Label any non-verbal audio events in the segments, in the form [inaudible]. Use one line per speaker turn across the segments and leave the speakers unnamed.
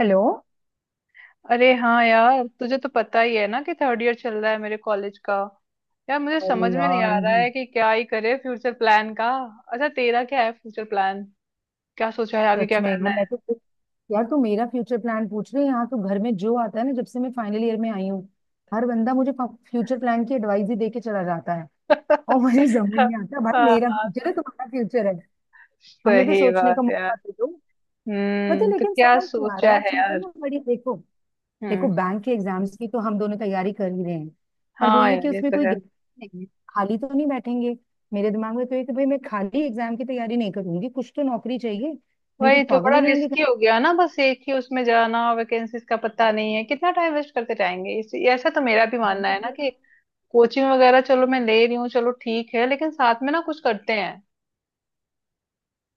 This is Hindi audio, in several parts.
हेलो।
अरे हाँ यार, तुझे तो पता ही है ना कि थर्ड ईयर चल रहा है मेरे कॉलेज का। यार मुझे
अरे
समझ में नहीं
यार,
आ रहा है कि क्या ही करे फ्यूचर प्लान का। अच्छा, तेरा क्या है फ्यूचर प्लान? क्या सोचा है आगे
सच
क्या
में
करना
यार मैं
है?
तो। यार, तू मेरा फ्यूचर प्लान पूछ रही है, यहाँ तो घर में जो आता है ना, जब से मैं फाइनल ईयर में आई हूँ हर बंदा मुझे फ्यूचर प्लान की एडवाइस ही दे के चला जाता है। और मुझे [laughs] समझ नहीं
[laughs]
आता भाई,
हाँ
मेरा फ्यूचर है तुम्हारा फ्यूचर है, हमें भी
सही
सोचने का
बात यार।
मौका दे दो। पता है,
हम्म, तो
लेकिन
क्या
समझ नहीं आ रहा है
सोचा
यार,
है
चीजें
यार?
ना बड़ी, देखो। देखो,
हम्म।
बैंक के एग्जाम्स की तो हम दोनों तैयारी कर ही रहे हैं। पर वो
हाँ
ये कि
यार, ये
उसमें
तो
कोई
है।
guarantee नहीं है, खाली तो नहीं बैठेंगे। मेरे दिमाग में तो ये कि भाई मैं खाली एग्जाम की तैयारी नहीं करूंगी, कुछ तो नौकरी चाहिए। नहीं तो
वही तो,
पागल
बड़ा
हो जाएंगे
रिस्की हो गया ना, बस एक ही उसमें जाना, वैकेंसीज का पता नहीं है, कितना टाइम वेस्ट करते जाएंगे, ऐसा तो मेरा भी मानना है ना कि कोचिंग वगैरह, चलो मैं ले रही हूँ, चलो ठीक है, लेकिन साथ में ना कुछ करते हैं।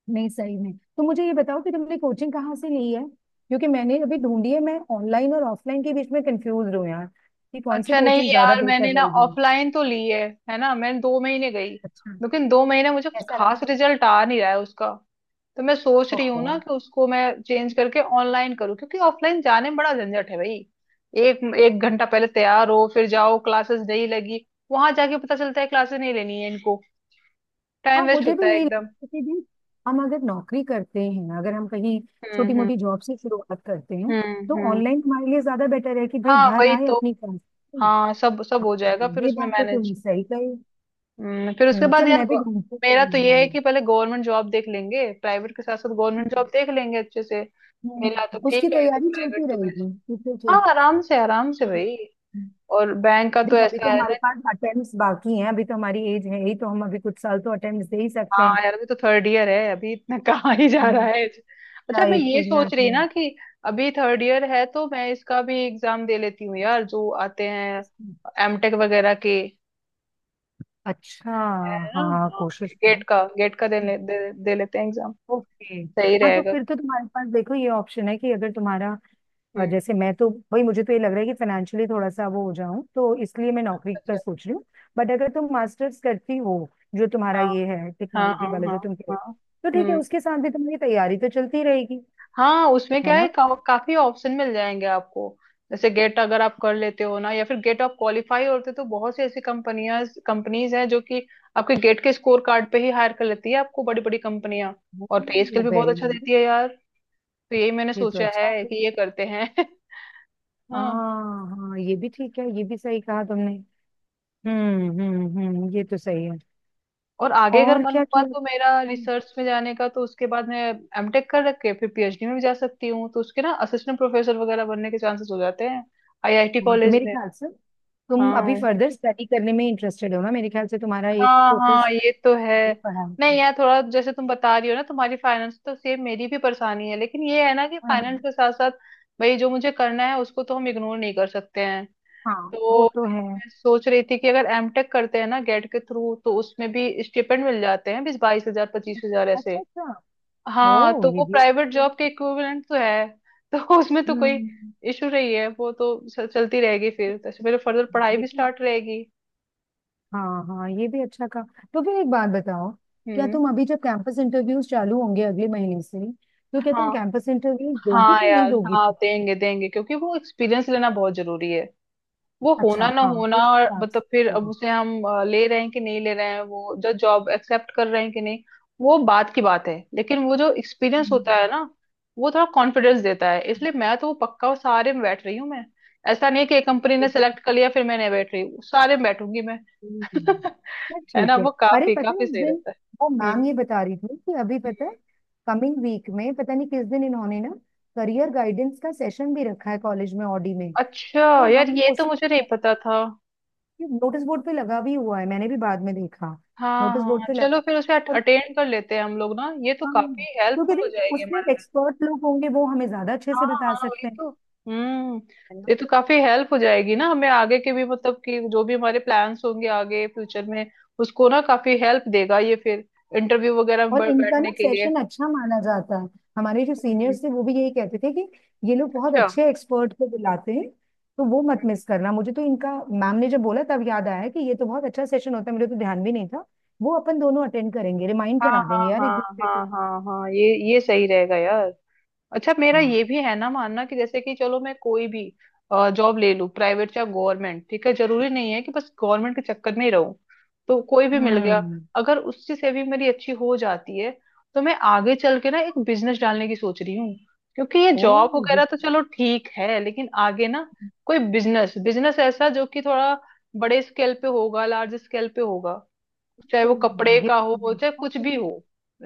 नहीं, सही में तो मुझे ये बताओ कि तुमने कोचिंग कहाँ से ली है, क्योंकि मैंने अभी ढूंढी है, मैं ऑनलाइन और ऑफलाइन के बीच में कंफ्यूज हूँ यार, कि कौन सी
अच्छा नहीं
कोचिंग ज्यादा
यार, मैंने
बेहतर
ना
रहेगी।
ऑफलाइन तो ली है ना, मैं 2 महीने गई।
अच्छा।
लेकिन दो महीने मुझे कुछ
ऐसा रहा।
खास रिजल्ट आ नहीं रहा है उसका। तो मैं सोच रही हूँ
ओहो।
ना कि उसको मैं चेंज करके ऑनलाइन करूँ, क्योंकि ऑफलाइन जाने में बड़ा झंझट है भाई। एक एक घंटा पहले तैयार हो फिर जाओ, क्लासेस नहीं लगी, वहां जाके पता चलता है क्लासेस नहीं लेनी है इनको, टाइम
हाँ,
वेस्ट
मुझे
होता
भी
है
यही लगता
एकदम।
है कि भी हम अगर नौकरी करते हैं, अगर हम कहीं
हम्म,
छोटी
हम्म,
मोटी जॉब से शुरुआत करते हैं तो
हम्म,
ऑनलाइन हमारे लिए ज्यादा बेटर है कि भाई
हाँ
घर
वही
आए
तो।
अपनी काम से।
हाँ, सब सब हो जाएगा फिर
ये
उसमें
बात तो तुम
मैनेज।
सही कही।
फिर उसके बाद
चल
यार
मैं भी ढूंढती
मेरा
हूँ
तो ये है
ऑनलाइन।
कि पहले गवर्नमेंट जॉब देख लेंगे, प्राइवेट के साथ साथ गवर्नमेंट
हम्म।
जॉब देख लेंगे अच्छे से। मिला तो
उसकी
ठीक है, तो
तैयारी
प्राइवेट
चलती
तो बेस्ट।
रहेगी, ठीक है,
हाँ,
ठीक।
आराम से भाई।
हम्म।
और बैंक का तो
देख, अभी तो
ऐसा है
हमारे
ना कि
पास अटेम्प्ट्स बाकी हैं, अभी तो हमारी एज है ही, तो हम अभी कुछ साल तो अटेम्प्ट्स दे ही सकते हैं।
हाँ यार, अभी तो थर्ड ईयर है, अभी इतना [laughs] कहाँ ही जा रहा है। अच्छा, मैं
राइट,
ये सोच रही
एग्जैक्टली।
ना कि अभी थर्ड ईयर है तो मैं इसका भी एग्जाम दे लेती हूँ यार, जो आते हैं एमटेक वगैरह के,
अच्छा।
है ना।
हाँ,
हाँ।
कोशिश
गेट
करो।
का गेट का दे, ले, दे, दे लेते हैं एग्जाम।
ओके।
सही
हाँ, तो
रहेगा।
फिर तो तुम्हारे पास देखो ये ऑप्शन है कि अगर तुम्हारा
हम्म।
जैसे मैं तो, भाई मुझे तो ये लग रहा है कि फाइनेंशियली थोड़ा सा वो हो जाऊं, तो इसलिए मैं नौकरी का
अच्छा।
सोच रही हूँ। बट अगर तुम मास्टर्स करती हो, जो तुम्हारा
हाँ,
ये है
हाँ,
टेक्नोलॉजी
हाँ,
वाला
हाँ,
जो तुम कह रहे हो,
हाँ।
तो ठीक है,
हम्म।
उसके साथ भी तुम्हारी तैयारी तो चलती रहेगी।
हाँ। उसमें क्या
है
है
ना।
काफी ऑप्शन मिल जाएंगे आपको। जैसे गेट अगर आप कर लेते हो ना, या फिर गेट आप क्वालिफाई होते तो बहुत सी ऐसी कंपनियां कंपनीज हैं जो कि आपके गेट के स्कोर कार्ड पे ही हायर कर लेती है आपको, बड़ी बड़ी कंपनियां। और पे स्केल भी बहुत
वेरी
अच्छा
नाइस,
देती है यार। तो यही मैंने
ये तो
सोचा
अच्छा
है
है।
कि ये करते हैं। [laughs] हाँ।
हाँ हाँ, ये भी ठीक है, ये भी सही कहा तुमने। हम्म, ये तो सही है।
और आगे अगर
और
मन
क्या
हुआ तो मेरा
किया।
रिसर्च में जाने का, तो उसके बाद मैं एमटेक कर रख के फिर पीएचडी में भी जा सकती हूँ, तो उसके ना असिस्टेंट प्रोफेसर वगैरह बनने के चांसेस हो जाते हैं आईआईटी
हाँ, तो
कॉलेज
मेरे
में।
ख्याल से तुम अभी
हाँ,
फर्दर स्टडी करने में इंटरेस्टेड हो ना, मेरे ख्याल से तुम्हारा एक
हाँ हाँ,
फोकस
ये तो है।
पढ़ाई पे।
नहीं यार, थोड़ा जैसे तुम बता रही हो ना, तुम्हारी फाइनेंस, तो सेम मेरी भी परेशानी है, लेकिन ये है ना कि फाइनेंस
हाँ
के साथ साथ भाई जो मुझे करना है उसको तो हम इग्नोर नहीं कर सकते हैं।
हाँ,
तो
वो तो है।
मैं सोच रही थी कि अगर एमटेक करते हैं ना गेट के थ्रू तो उसमें भी स्टिपेंड मिल जाते हैं, 20-22 हजार, 25 हजार
अच्छा
ऐसे।
अच्छा।
हाँ
ओ,
तो
ये
वो
भी
प्राइवेट
अच्छा है।
जॉब के इक्विवेलेंट तो है। तो [laughs] उसमें तो कोई
हम्म,
इशू नहीं है, वो तो चलती रहेगी फिर, तो ऐसे मेरे फर्दर पढ़ाई
ये
भी
भी।
स्टार्ट रहेगी।
हाँ हाँ, ये भी अच्छा कहा। तो फिर एक बात बताओ, क्या
हम्म।
तुम अभी जब कैंपस इंटरव्यूज चालू होंगे अगले महीने से, तो क्या तुम
हाँ,
कैंपस इंटरव्यूज दोगी
हाँ
कि नहीं
यार,
दोगी
हाँ
फिर।
देंगे देंगे, क्योंकि वो एक्सपीरियंस लेना बहुत जरूरी है। वो
अच्छा,
होना ना
हाँ,
होना
उस
और
हिसाब
मतलब फिर
से।
अब उसे हम ले रहे हैं कि नहीं ले रहे हैं, वो जो जॉब एक्सेप्ट कर रहे हैं कि नहीं, वो बात की बात है, लेकिन वो जो एक्सपीरियंस होता है
हम्म।
ना वो थोड़ा कॉन्फिडेंस देता है, इसलिए मैं तो वो पक्का सारे में बैठ रही हूँ मैं। ऐसा नहीं है कि एक कंपनी ने सेलेक्ट कर लिया फिर मैं नहीं बैठ रही हूँ, सारे में बैठूंगी मैं।
हम्म,
[laughs]
तो
है ना,
ठीक है।
वो
अरे
काफी
पता है
काफी
उस
सही
दिन
रहता
वो
है।
मैम
हम्म।
ये बता रही थी कि अभी पता है
हम्म।
कमिंग वीक में पता नहीं किस दिन इन्होंने ना करियर गाइडेंस का सेशन भी रखा है कॉलेज में ऑडी में।
अच्छा
तो
यार,
हम
ये तो मुझे
उसमें,
नहीं पता था।
नोटिस बोर्ड पे लगा भी हुआ है, मैंने भी बाद में देखा।
हाँ
नोटिस बोर्ड
हाँ,
पे
चलो
लगा।
फिर उसे
और
अटेंड कर लेते हैं हम लोग ना, ये तो
हम,
काफी
क्योंकि
हेल्पफुल हो
देख
जाएगी
उसमें
हमारे लिए।
एक्सपर्ट लोग होंगे, वो हमें ज्यादा अच्छे
हाँ
से बता
हाँ वही
सकते हैं।
तो। हम्म।
है ना।
ये तो काफी हेल्प हो जाएगी ना हमें आगे के भी, मतलब कि जो भी हमारे प्लान्स होंगे आगे फ्यूचर में उसको ना काफी हेल्प देगा ये, फिर इंटरव्यू वगैरह में
और इनका
बैठने
ना
के लिए।
सेशन अच्छा माना जाता है, हमारे जो
हम्म।
सीनियर्स थे वो भी यही कहते थे कि ये लोग बहुत
अच्छा।
अच्छे एक्सपर्ट को बुलाते हैं, तो वो मत
हम्म।
मिस करना। मुझे तो इनका मैम ने जब बोला तब याद आया कि ये तो बहुत अच्छा सेशन होता है, मुझे तो ध्यान भी नहीं था। वो अपन दोनों अटेंड करेंगे, रिमाइंड
हाँ,
करा
हाँ,
देंगे यार एक
हाँ,
दूसरे
हाँ,
को।
हाँ, हाँ, ये सही रहेगा यार। अच्छा, मेरा
हाँ।
ये भी है ना मानना कि जैसे कि चलो मैं कोई भी जॉब ले लूँ, प्राइवेट या गवर्नमेंट, ठीक है, जरूरी नहीं है कि बस गवर्नमेंट के चक्कर में ही रहूं, तो कोई भी मिल गया
हम्म।
अगर उससे से भी मेरी अच्छी हो जाती है तो मैं आगे चल के ना एक बिजनेस डालने की सोच रही हूँ, क्योंकि ये
ओ,
जॉब
ये
वगैरह तो चलो ठीक है, लेकिन आगे ना कोई बिजनेस बिजनेस ऐसा जो कि थोड़ा बड़े स्केल पे होगा, लार्ज स्केल पे होगा, चाहे वो
तो
कपड़े
ये
का
तो मैंने
हो चाहे
अच्छा
कुछ भी
सुना।
हो,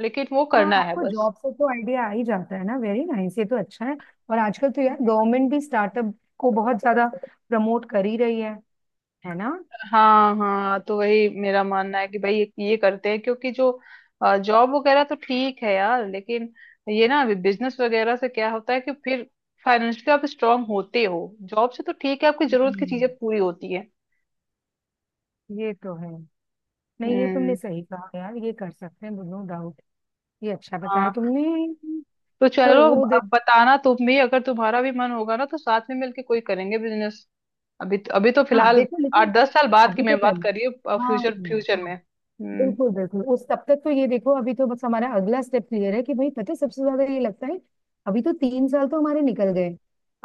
लेकिन वो
हाँ
करना है
आपको
बस।
जॉब से तो आइडिया आ ही जाता है ना, वेरी नाइस, ये तो अच्छा है। और आजकल तो यार गवर्नमेंट भी स्टार्टअप को बहुत ज्यादा प्रमोट कर ही रही है। है ना।
हाँ हाँ, तो वही मेरा मानना है कि भाई ये करते हैं, क्योंकि जो जॉब वगैरह तो ठीक है यार, लेकिन ये ना बिजनेस वगैरह से क्या होता है कि फिर फाइनेंशियली आप स्ट्रांग होते हो, जॉब से तो ठीक है आपकी जरूरत की
हम्म,
चीजें पूरी होती है।
ये तो है। नहीं, ये तुमने
हम्म।
सही कहा यार, ये कर सकते हैं, नो डाउट। ये अच्छा बताया
हाँ।
तुमने।
तो
तो
चलो
वो देख।
अब बताना तुम भी, अगर तुम्हारा भी मन होगा ना तो साथ में मिलके कोई करेंगे बिजनेस। अभी तो
हाँ
फिलहाल
देखो,
आठ
लेकिन
दस साल बाद की
अभी तो
मैं बात
पहले।
कर रही हूँ,
हाँ
फ्यूचर फ्यूचर
हाँ,
में। हम्म।
बिल्कुल बिल्कुल, उस तब तक तो ये देखो, अभी तो बस हमारा अगला स्टेप क्लियर है कि भाई पता है, सबसे ज्यादा ये लगता है, अभी तो तीन साल तो हमारे निकल गए।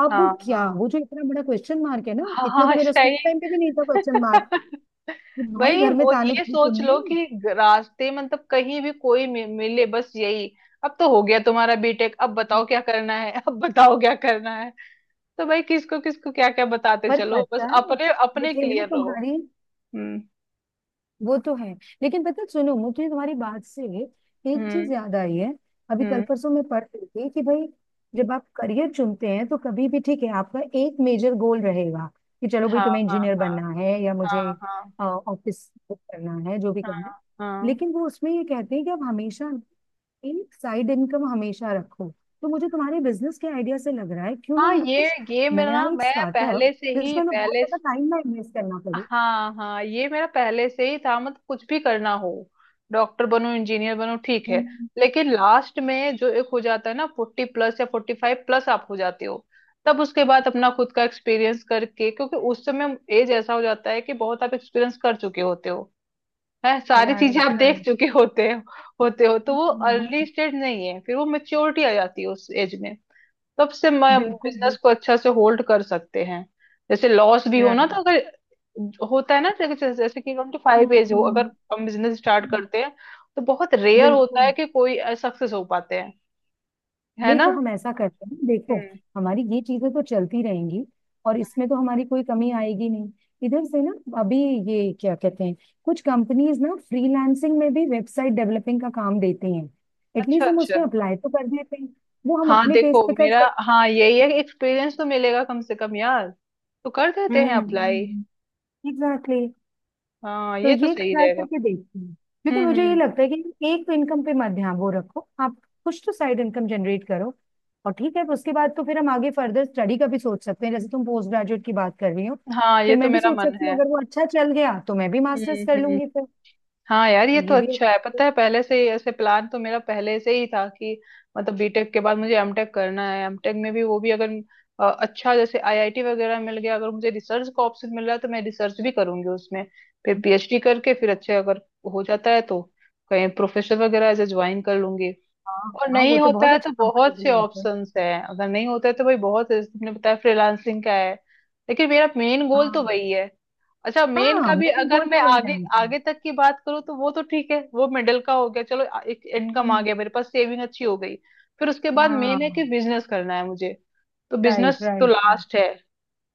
अब
हाँ
क्या,
हाँ।
वो जो इतना बड़ा क्वेश्चन मार्क है ना,
हाँ
इतना तो
हाँ,
मेरा स्कूल
सही।
टाइम पे भी नहीं था क्वेश्चन मार्क,
[laughs]
कि भाई
भाई,
घर में
वो
ताने
ये
थोड़ी
सोच
सुनने
लो
हैं।
कि रास्ते, मतलब कहीं भी कोई मिले, बस यही, अब तो हो गया तुम्हारा बीटेक, अब बताओ क्या करना है, अब बताओ क्या करना है, तो भाई किसको किसको क्या क्या बताते,
पर
चलो बस
पता है
अपने अपने
मुझे ना
क्लियर रहो।
तुम्हारी,
हम्म,
वो तो है। लेकिन पता है, सुनो, मुझे तुम्हारी बात से एक चीज
हम्म,
याद आई है। अभी कल
हम्म।
परसों मैं पढ़ रही थी कि भाई जब आप करियर चुनते हैं तो कभी भी, ठीक है, आपका एक मेजर गोल रहेगा कि चलो भाई
हाँ,
तुम्हें
हाँ,
इंजीनियर
हाँ,
बनना है या मुझे
हाँ, हाँ,
ऑफिस करना है, जो भी करना है।
हाँ, हाँ,
लेकिन वो उसमें ये कहते हैं कि आप हमेशा एक साइड इनकम हमेशा रखो। तो मुझे तुम्हारे बिजनेस के आइडिया से लग रहा है, क्यों ना
हाँ।
हम
ये
कुछ
ये मेरा
नया
ना,
एक
मैं
स्टार्टअप,
पहले से ही
जिसमें हमें बहुत
पहले।
ज्यादा टाइम ना इन्वेस्ट करना पड़े।
हाँ हाँ, ये मेरा पहले से ही था, मतलब कुछ भी करना हो, डॉक्टर बनो, इंजीनियर बनो, ठीक है, लेकिन लास्ट में जो एक हो जाता है ना, 40+ या 45+ आप हो जाते हो, तब उसके बाद अपना खुद का एक्सपीरियंस करके, क्योंकि उस समय एज ऐसा हो जाता है कि बहुत आप एक्सपीरियंस कर चुके होते हो, है, सारी चीजें आप
राइट।
देख चुके होते हो, होते हो, तो वो अर्ली
हम्म,
स्टेज नहीं है फिर, वो मेच्योरिटी आ जाती है उस एज में, तब से मैं
बिल्कुल
बिजनेस
बिल्कुल।
को अच्छा से होल्ड कर सकते हैं। जैसे लॉस भी हो ना
राइट।
तो अगर होता है ना, जैसे जैसे कि हम
हाँ,
फाइव एज हो अगर हम बिजनेस स्टार्ट करते हैं तो बहुत रेयर होता है
बिल्कुल।
कि कोई सक्सेस हो पाते हैं, है
नहीं
ना।
तो हम ऐसा करते हैं, देखो,
हम्म।
हमारी ये चीजें तो चलती रहेंगी, और इसमें तो हमारी कोई कमी आएगी नहीं, इधर से ना। अभी, ये क्या कहते हैं, कुछ कंपनीज ना फ्रीलांसिंग में भी वेबसाइट डेवलपिंग का काम देती हैं,
अच्छा
एटलीस्ट हम
अच्छा।
उसमें अप्लाई तो कर देते हैं। वो हम
हाँ
अपने पेज
देखो
पे कर
मेरा,
सकते।
हाँ यही है, एक्सपीरियंस तो मिलेगा कम से कम यार, तो कर देते हैं अप्लाई।
Hmm, exactly.
हाँ,
तो
ये तो
ये
सही
ट्राई
रहेगा।
करके देखती हूँ, क्योंकि
हम्म।
मुझे ये
हम्म।
लगता है कि एक तो इनकम पे मत ध्यान वो रखो आप, कुछ तो साइड इनकम जनरेट करो। और ठीक है, उसके बाद तो फिर हम आगे फर्दर स्टडी का भी सोच सकते हैं जैसे तुम पोस्ट ग्रेजुएट की बात कर रही हो,
हाँ, ये
फिर
तो
मैं भी
मेरा
सोच
मन
सकती हूँ,
है।
अगर वो अच्छा चल गया तो मैं भी
हम्म।
मास्टर्स कर
हम्म।
लूंगी फिर।
हाँ यार,
तो
ये तो
ये भी
अच्छा है,
अच्छा है।
पता है पहले से ही ऐसे प्लान तो मेरा पहले से ही था कि मतलब बीटेक के बाद मुझे एमटेक करना है, एमटेक में भी वो भी अगर अच्छा, जैसे आईआईटी वगैरह मिल गया, अगर मुझे रिसर्च का ऑप्शन मिल रहा है तो मैं रिसर्च भी करूंगी उसमें, फिर पीएचडी करके फिर अच्छे अगर हो जाता है तो कहीं प्रोफेसर वगैरह ऐसे ज्वाइन कर लूंगी।
हाँ
और
हाँ,
नहीं
वो तो
होता
बहुत
है तो
अच्छा
बहुत से
कंफर्टेबल होता है।
ऑप्शंस हैं, अगर नहीं होता है तो भाई बहुत है, तुमने बताया फ्रीलांसिंग का है, लेकिन मेरा मेन गोल तो
हाँ,
वही है। अच्छा, मेन
हाँ
का भी
मेन
अगर
गोल
मैं
तो वही
आगे
रहना चाहिए।
आगे तक की बात करूँ तो वो तो ठीक है, वो मिडिल का हो गया, चलो एक इनकम आ
हम्म।
गया मेरे पास, सेविंग अच्छी हो गई, फिर उसके बाद मेन है कि
हाँ।
बिजनेस करना है मुझे, तो
राइट
बिजनेस तो
राइट राइट।
लास्ट है,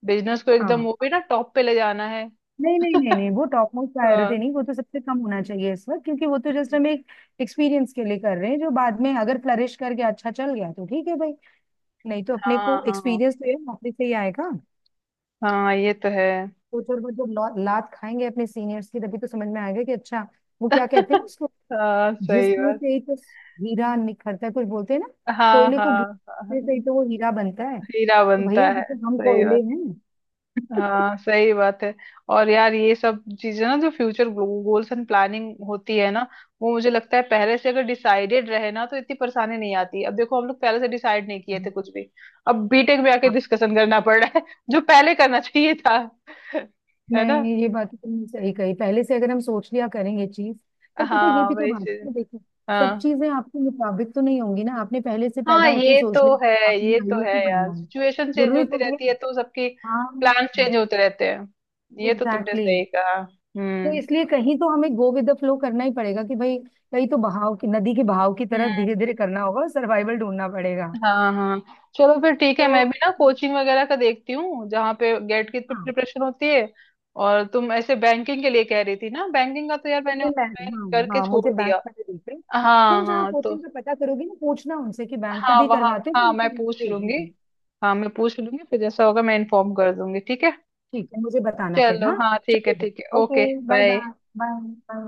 बिजनेस को एकदम
हाँ।
वो भी ना टॉप पे ले जाना है।
नहीं नहीं नहीं नहीं, वो टॉप मोस्ट
हाँ,
प्रायोरिटी नहीं, वो तो सबसे कम होना चाहिए इस वक्त, क्योंकि वो तो जस्ट हम एक एक्सपीरियंस के लिए कर रहे हैं, जो बाद में अगर फ्लरिश करके अच्छा चल गया तो ठीक है भाई, नहीं तो अपने
हाँ,
को
हाँ,
एक्सपीरियंस तो ये नौकरी से ही आएगा।
हाँ, ये तो है।
तो थोड़ा बहुत जब लात खाएंगे अपने सीनियर्स की, तभी तो समझ में आएगा कि अच्छा, वो क्या कहते हैं
[laughs]
उसको,
हाँ सही
घिसने
बात।
से ही तो हीरा निखरता है, कुछ बोलते हैं ना,
हाँ,
कोयले को
हाँ,
घिसने से ही
हाँ,
तो वो हीरा बनता है।
हीरा
तो
बनता
भैया
है,
अभी तो हम
सही
कोयले
बात।
हैं।
हाँ सही बात है। और यार ये सब चीजें ना जो फ्यूचर गोल्स एंड प्लानिंग होती है ना, वो मुझे लगता है पहले से अगर डिसाइडेड रहे ना तो इतनी परेशानी नहीं आती, अब देखो हम लोग पहले से डिसाइड नहीं किए थे कुछ भी, अब बीटेक में आके
[laughs]
डिस्कशन करना पड़ रहा है [laughs] जो पहले करना चाहिए था। [laughs] है ना।
नहीं, ये बात तो तुमने सही कही, पहले से अगर हम सोच लिया करेंगे चीज। पर पता है, ये
हाँ
भी तो
वही
बात है
चीज।
ना, देखो, सब
हाँ
चीजें आपके मुताबिक तो नहीं होंगी ना, आपने पहले से
हाँ,
पैदा होते ही
ये तो
सोच लिया कि
है।
आपने
ये तो
आईएएस
है
ही
यार,
बनना है,
सिचुएशन चेंज
जरूरी
होती
थोड़ी है।
रहती है तो सबकी
हाँ,
प्लान चेंज होते रहते हैं, ये तो तुमने
एग्जैक्टली,
सही
exactly.
कहा।
तो
हम्म।
इसलिए कहीं तो हमें गो विद द फ्लो करना ही पड़ेगा, कि भाई कहीं तो बहाव की, नदी के बहाव की तरह धीरे धीरे करना होगा, सर्वाइवल ढूंढना पड़ेगा।
हाँ हाँ चलो, फिर ठीक है,
तो
मैं भी ना कोचिंग वगैरह का देखती हूँ जहाँ पे गेट की
हाँ,
प्रिपरेशन होती है, और तुम ऐसे बैंकिंग के लिए कह रही थी ना, बैंकिंग का तो यार मैंने
तुमने बैंक,
ऑनलाइन
हाँ
करके
हाँ, मुझे
छोड़
बैंक
दिया।
वाले देख रहे।
हाँ
तुम जहाँ
हाँ तो।
कोचिंग का पता करोगी ना, पूछना उनसे कि बैंक का
हाँ
भी
वहाँ।
करवाते हो तो
हाँ
मुझे
मैं
link
पूछ
भेजना।
लूंगी।
है।
हाँ मैं पूछ लूंगी फिर, जैसा होगा मैं इन्फॉर्म कर दूंगी ठीक है।
ठीक है, मुझे बताना फिर,
चलो
हाँ।
हाँ, ठीक है ठीक है,
चलो, okay,
okay
bye
bye.
Bye. Bye.